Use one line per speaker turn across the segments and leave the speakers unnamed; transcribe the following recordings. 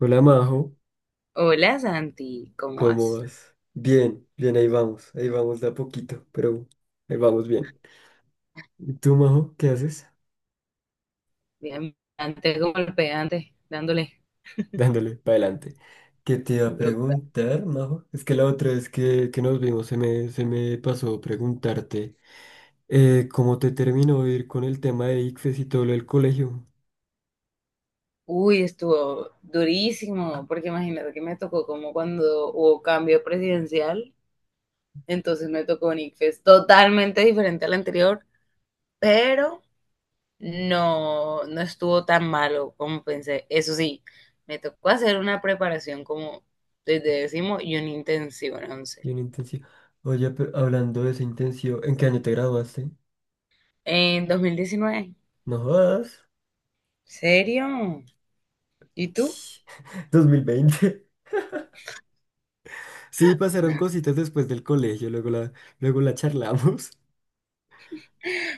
Hola Majo,
Hola Santi, ¿cómo
¿cómo
vas?
vas? Bien, bien, ahí vamos de a poquito, pero ahí vamos bien. ¿Y tú, Majo, qué haces?
Bien, antes como el pegante, dándole.
Dándole para adelante. ¿Qué te iba a
Dura.
preguntar, Majo? Es que la otra vez que nos vimos se me pasó preguntarte cómo te terminó de ir con el tema de ICFES y todo lo del colegio
Uy, estuvo durísimo, porque imagínate que me tocó como cuando hubo cambio presidencial, entonces me tocó un ICFES totalmente diferente al anterior, pero no estuvo tan malo como pensé. Eso sí, me tocó hacer una preparación como desde décimo y un intensivo en once.
y en intensivo. Oye, pero hablando de ese intensivo, ¿en qué año te graduaste?
En 2019.
No jodas.
¿Serio? ¿Y tú?
Dos mil veinte. Sí, pasaron cositas después del colegio, luego la charlamos.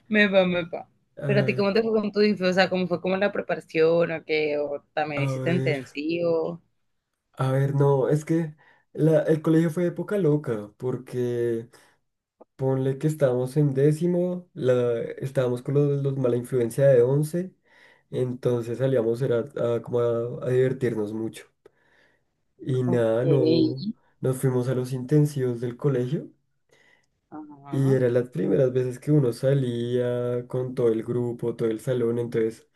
Me va, me va. Pero a ti,
Ay,
¿cómo te fue con tu disfraz? O sea, ¿cómo fue como la preparación o qué? ¿O también
a
hiciste
ver,
intensivo?
a ver, no, es que el colegio fue época loca, porque ponle que estábamos en décimo, estábamos con los mala influencia de once, entonces salíamos era a divertirnos mucho. Y
Ok.
nada, no, nos fuimos a los intensivos del colegio. Y
Ajá.
eran las primeras veces que uno salía con todo el grupo, todo el salón, entonces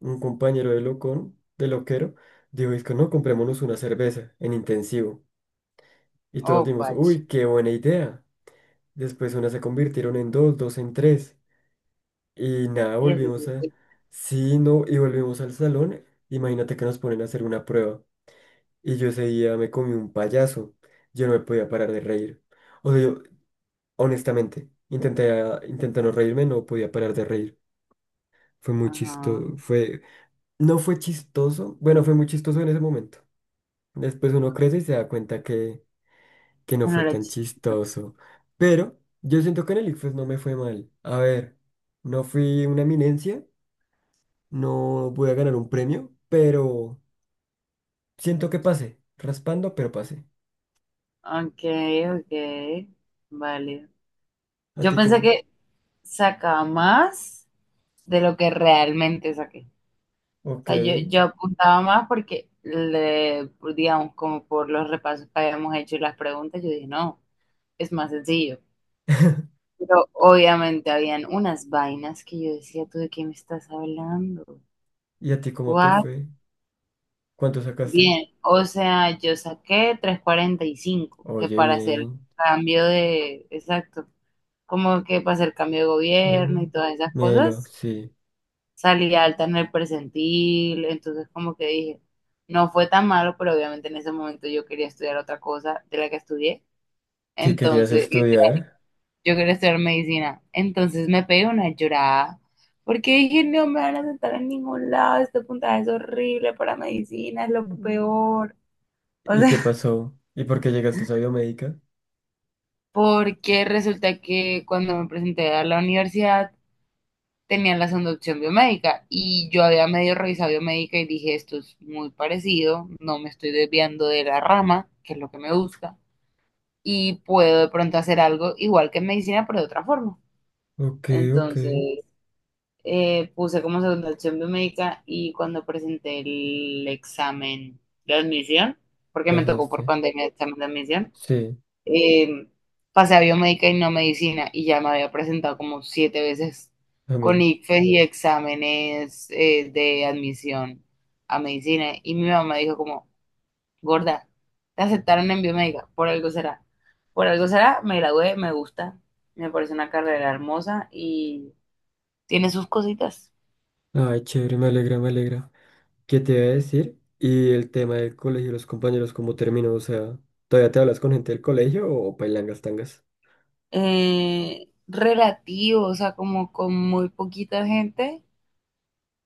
un compañero de locón, de loquero, dijo, es que no, comprémonos una cerveza en intensivo. Y todos
Oh,
dimos,
pach.
uy, qué buena idea. Después unas se convirtieron en dos, dos en tres. Y nada,
Y así
volvimos a...
sucede.
Sí, no, y volvimos al salón. Imagínate que nos ponen a hacer una prueba. Y yo ese día me comí un payaso. Yo no me podía parar de reír. O sea, yo, honestamente, intenté, intenté no reírme, no podía parar de reír. Fue muy
Ajá.
chistoso, fue... No fue chistoso, bueno, fue muy chistoso en ese momento. Después uno crece y se da cuenta que no
Ah, no
fue
era
tan
chistoso.
chistoso. Pero yo siento que en el ICFES no me fue mal. A ver, no fui una eminencia, no voy a ganar un premio, pero siento que pasé. Raspando, pero pasé.
Ok, ok. Vale.
¿A
Yo
ti
pensé
cómo?
que sacaba más de lo que realmente saqué.
Ok.
O sea, yo apuntaba más porque, le, digamos, como por los repasos que habíamos hecho y las preguntas, yo dije, no, es más sencillo. Pero obviamente habían unas vainas que yo decía, ¿tú de qué me estás hablando?
¿Y a ti cómo te
What?
fue? ¿Cuánto sacaste?
Bien, o sea, yo saqué tres cuarenta y cinco que
Oye,
para hacer
bien.
cambio de, exacto, como que para hacer cambio de
Ah,
gobierno y todas esas
melo,
cosas,
sí.
salí alta en el percentil, entonces como que dije, no fue tan malo, pero obviamente en ese momento yo quería estudiar otra cosa de la que estudié,
¿Qué querías
entonces
estudiar?
yo quería estudiar medicina. Entonces me pegué una llorada porque dije, no me van a sentar en ningún lado, este puntaje es horrible para medicina, es lo
Mm.
peor. O
¿Y qué
sea,
pasó? ¿Y por qué llegaste a esa biomédica?
porque resulta que cuando me presenté a la universidad tenían la segunda opción biomédica y yo había medio revisado biomédica y dije, esto es muy parecido, no me estoy desviando de la rama, que es lo que me gusta, y puedo de pronto hacer algo igual que en medicina, pero de otra forma.
Ok, ok.
Entonces, puse como segunda opción biomédica y cuando presenté el examen de admisión, porque me tocó por
Pasaste.
pandemia el examen de admisión,
Sí,
eh, pasé a biomédica y no medicina y ya me había presentado como siete veces
a
con
mí.
ICFES y exámenes de admisión a medicina y mi mamá dijo como, gorda, te aceptaron en biomédica, por algo será. Por algo será, me gradué, me gusta, me parece una carrera hermosa y tiene sus cositas.
Ay, chévere, me alegra, me alegra. ¿Qué te iba a decir? Y el tema del colegio, los compañeros, ¿cómo terminó? O sea, ¿todavía te hablas con gente del colegio o pailangas tangas?
Relativo, o sea, como con muy poquita gente,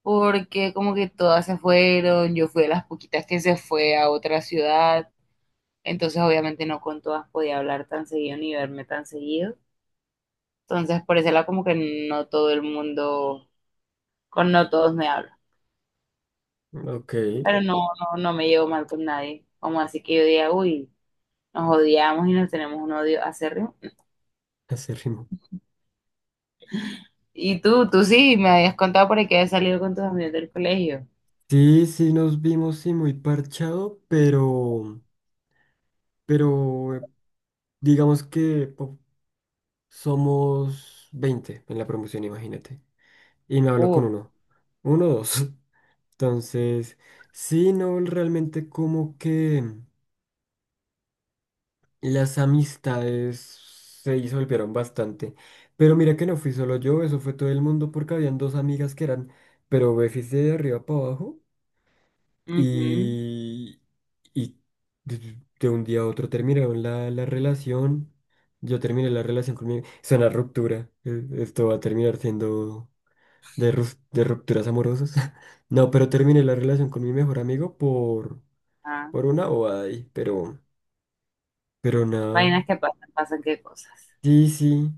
porque como que todas se fueron, yo fui de las poquitas que se fue a otra ciudad, entonces obviamente no con todas podía hablar tan seguido ni verme tan seguido, entonces por ese lado como que no todo el mundo, con no todos me hablo,
Ok,
pero no me llevo mal con nadie, como así que yo diga, uy, nos odiamos y nos tenemos un odio acérrimo.
ese ritmo.
Y tú sí, me habías contado por ahí que habías salido con tus amigos del colegio.
Sí, sí, nos vimos, sí, muy parchado, pero digamos que somos 20 en la promoción, imagínate. Y me hablo con
Uf.
uno, uno o dos. Entonces, sí, no, realmente como que... Las amistades se disolvieron bastante. Pero mira que no fui solo yo, eso fue todo el mundo porque habían dos amigas que eran, pero befis de arriba para abajo
Ujú.
y, y de un día a otro terminaron la relación. Yo terminé la relación con mi... Es una ruptura. Esto va a terminar siendo de rupturas amorosas. No, pero terminé la relación con mi mejor amigo
Ah,
por una bobada ahí, pero nada.
vainas que pasan, pasan qué cosas.
Sí, sí.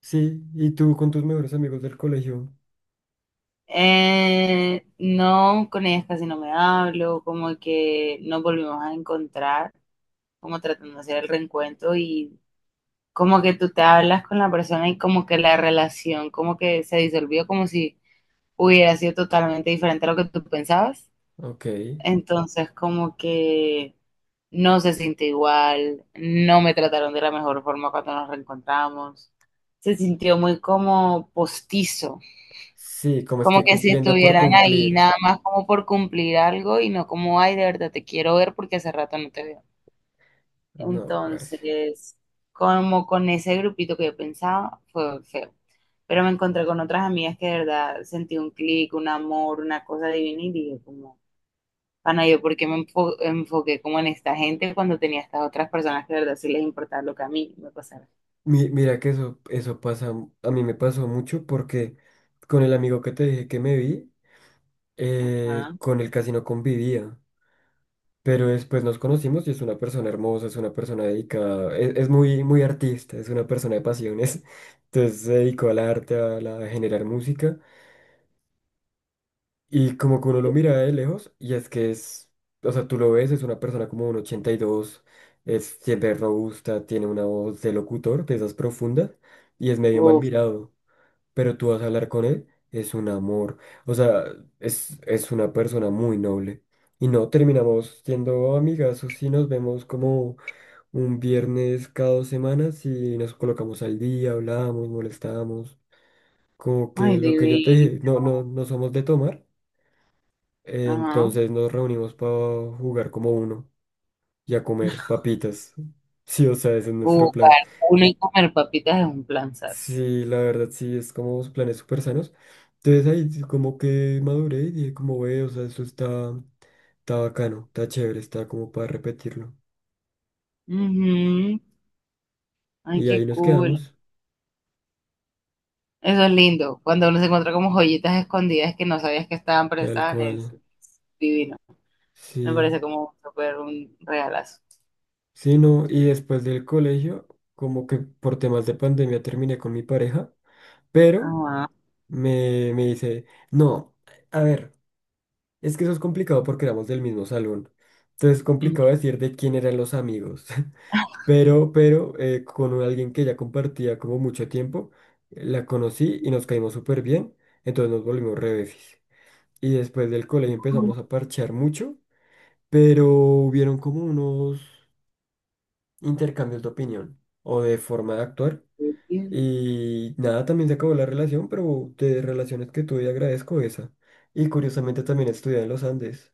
Sí, y tú con tus mejores amigos del colegio.
No, con ellas casi no me hablo, como que nos volvimos a encontrar, como tratando de hacer el reencuentro y como que tú te hablas con la persona y como que la relación como que se disolvió, como si hubiera sido totalmente diferente a lo que tú pensabas.
Ok.
Entonces, como que no se siente igual, no me trataron de la mejor forma cuando nos reencontramos. Se sintió muy como postizo,
Sí, como
como
estoy
que si
cumpliendo por
estuvieran ahí
cumplir.
nada más como por cumplir algo y no como, ay, de verdad te quiero ver porque hace rato no te veo.
No, parce.
Entonces, como con ese grupito que yo pensaba, fue feo. Pero me encontré con otras amigas que de verdad sentí un clic, un amor, una cosa divina y dije como... Ana, yo porque enfoqué como en esta gente cuando tenía estas otras personas que de verdad sí les importaba lo que a mí me pasara.
Mira que eso pasa, a mí me pasó mucho porque con el amigo que te dije que me vi,
Ajá.
con él casi no convivía. Pero después nos conocimos y es una persona hermosa, es una persona dedicada, es muy, muy artista, es una persona de pasiones. Entonces se dedicó al arte, a generar música. Y como que uno lo mira de lejos, y es que es, o sea, tú lo ves, es una persona como un ochenta y dos, es siempre robusta, tiene una voz de locutor, de esas profundas, y es medio mal
Uf,
mirado. Pero tú vas a hablar con él, es un amor. O sea, es una persona muy noble. Y no terminamos siendo amigas o y nos vemos como un viernes cada dos semanas y nos colocamos al día, hablamos, molestamos. Como
ay,
que lo que yo te
divino.
dije, no, no, no somos de tomar. Eh,
Ajá.
Entonces nos reunimos para jugar como uno y a comer papitas. Sí, o sea, ese es nuestro plan.
Jugar uno y comer papitas es un planzazo.
Sí, la verdad, sí, es como planes súper sanos. Entonces ahí sí como que maduré y dije como ve, o sea, eso está, está bacano, está chévere, está como para repetirlo.
Ujú. Ay,
Y
qué
ahí nos
cool.
quedamos,
Eso es lindo. Cuando uno se encuentra como joyitas escondidas que no sabías que estaban, pero
tal
estaban, es
cual.
divino. Me
Sí,
parece como súper un regalazo.
sí, no. Y después del colegio, como que por temas de pandemia terminé con mi pareja, pero
Ajá.
me dice, no, a ver. Es que eso es complicado porque éramos del mismo salón. Entonces es
Ujú.
complicado decir de quién eran los amigos. Pero con alguien que ya compartía como mucho tiempo, la conocí y nos caímos súper bien. Entonces nos volvimos re befis. Y después del colegio empezamos a parchear mucho, pero hubieron como unos intercambios de opinión o de forma de actuar. Y nada, también se acabó la relación, pero de relaciones que tuve agradezco esa. Y curiosamente también estudié en los Andes.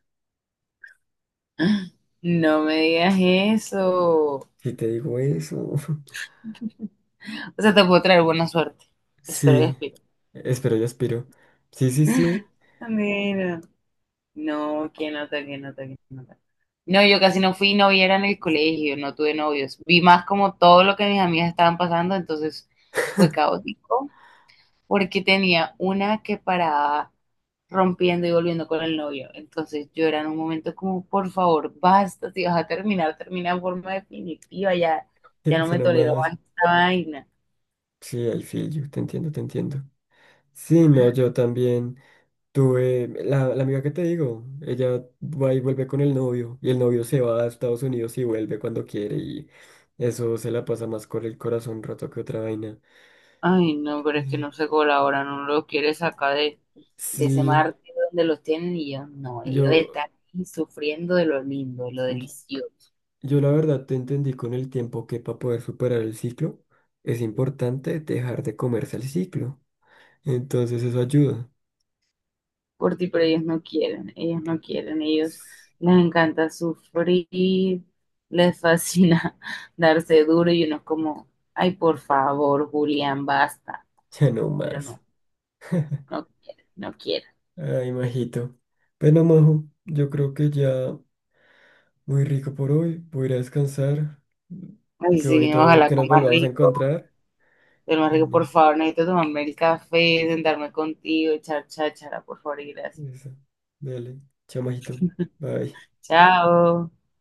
No me digas eso.
Si te digo eso.
O sea, te puedo traer buena suerte. Espero y
Sí,
espero.
espero y aspiro. Sí, sí, sí,
Mira, no, que nota, que nota, que nota. No, yo casi no fui novia era en el colegio, no tuve novios. Vi más como todo lo que mis amigas estaban pasando, entonces fue caótico, porque tenía una que paraba rompiendo y volviendo con el novio. Entonces yo era en un momento como, por favor, basta, si vas a terminar, termina en forma definitiva, ya, ya no me
será
tolero
más.
más esta vaina.
Sí, I feel you, te entiendo, te entiendo. Sí, no, yo también tuve, la amiga que te digo, ella va y vuelve con el novio, y el novio se va a Estados Unidos y vuelve cuando quiere, y eso se la pasa más con el corazón roto que otra vaina.
Ay, no, pero es que
Mm.
no se colaboran, no lo quiere sacar de ese
Sí,
mar donde los tienen y ellos no, ellos
yo,
están ahí sufriendo de lo lindo, de lo delicioso.
yo la verdad te entendí con el tiempo que para poder superar el ciclo, es importante dejar de comerse el ciclo. Entonces eso ayuda.
Por ti, pero ellos no quieren, ellos les encanta sufrir, les fascina darse duro y uno es como, ay, por favor, Julián, basta,
Ya no
pero
más.
no, no quieren.
Ay, majito. Bueno, majo, yo creo que ya muy rico por hoy. Voy a ir a descansar.
Ay,
Qué
sí,
bonito
ojalá
que nos
comas
volvamos a
rico.
encontrar.
Del más
Y
rico, por
nada,
favor, necesito tomarme el café, sentarme contigo, echar cháchara, por favor, y gracias.
eso. Dale. Chao, majito. Bye.
Chao.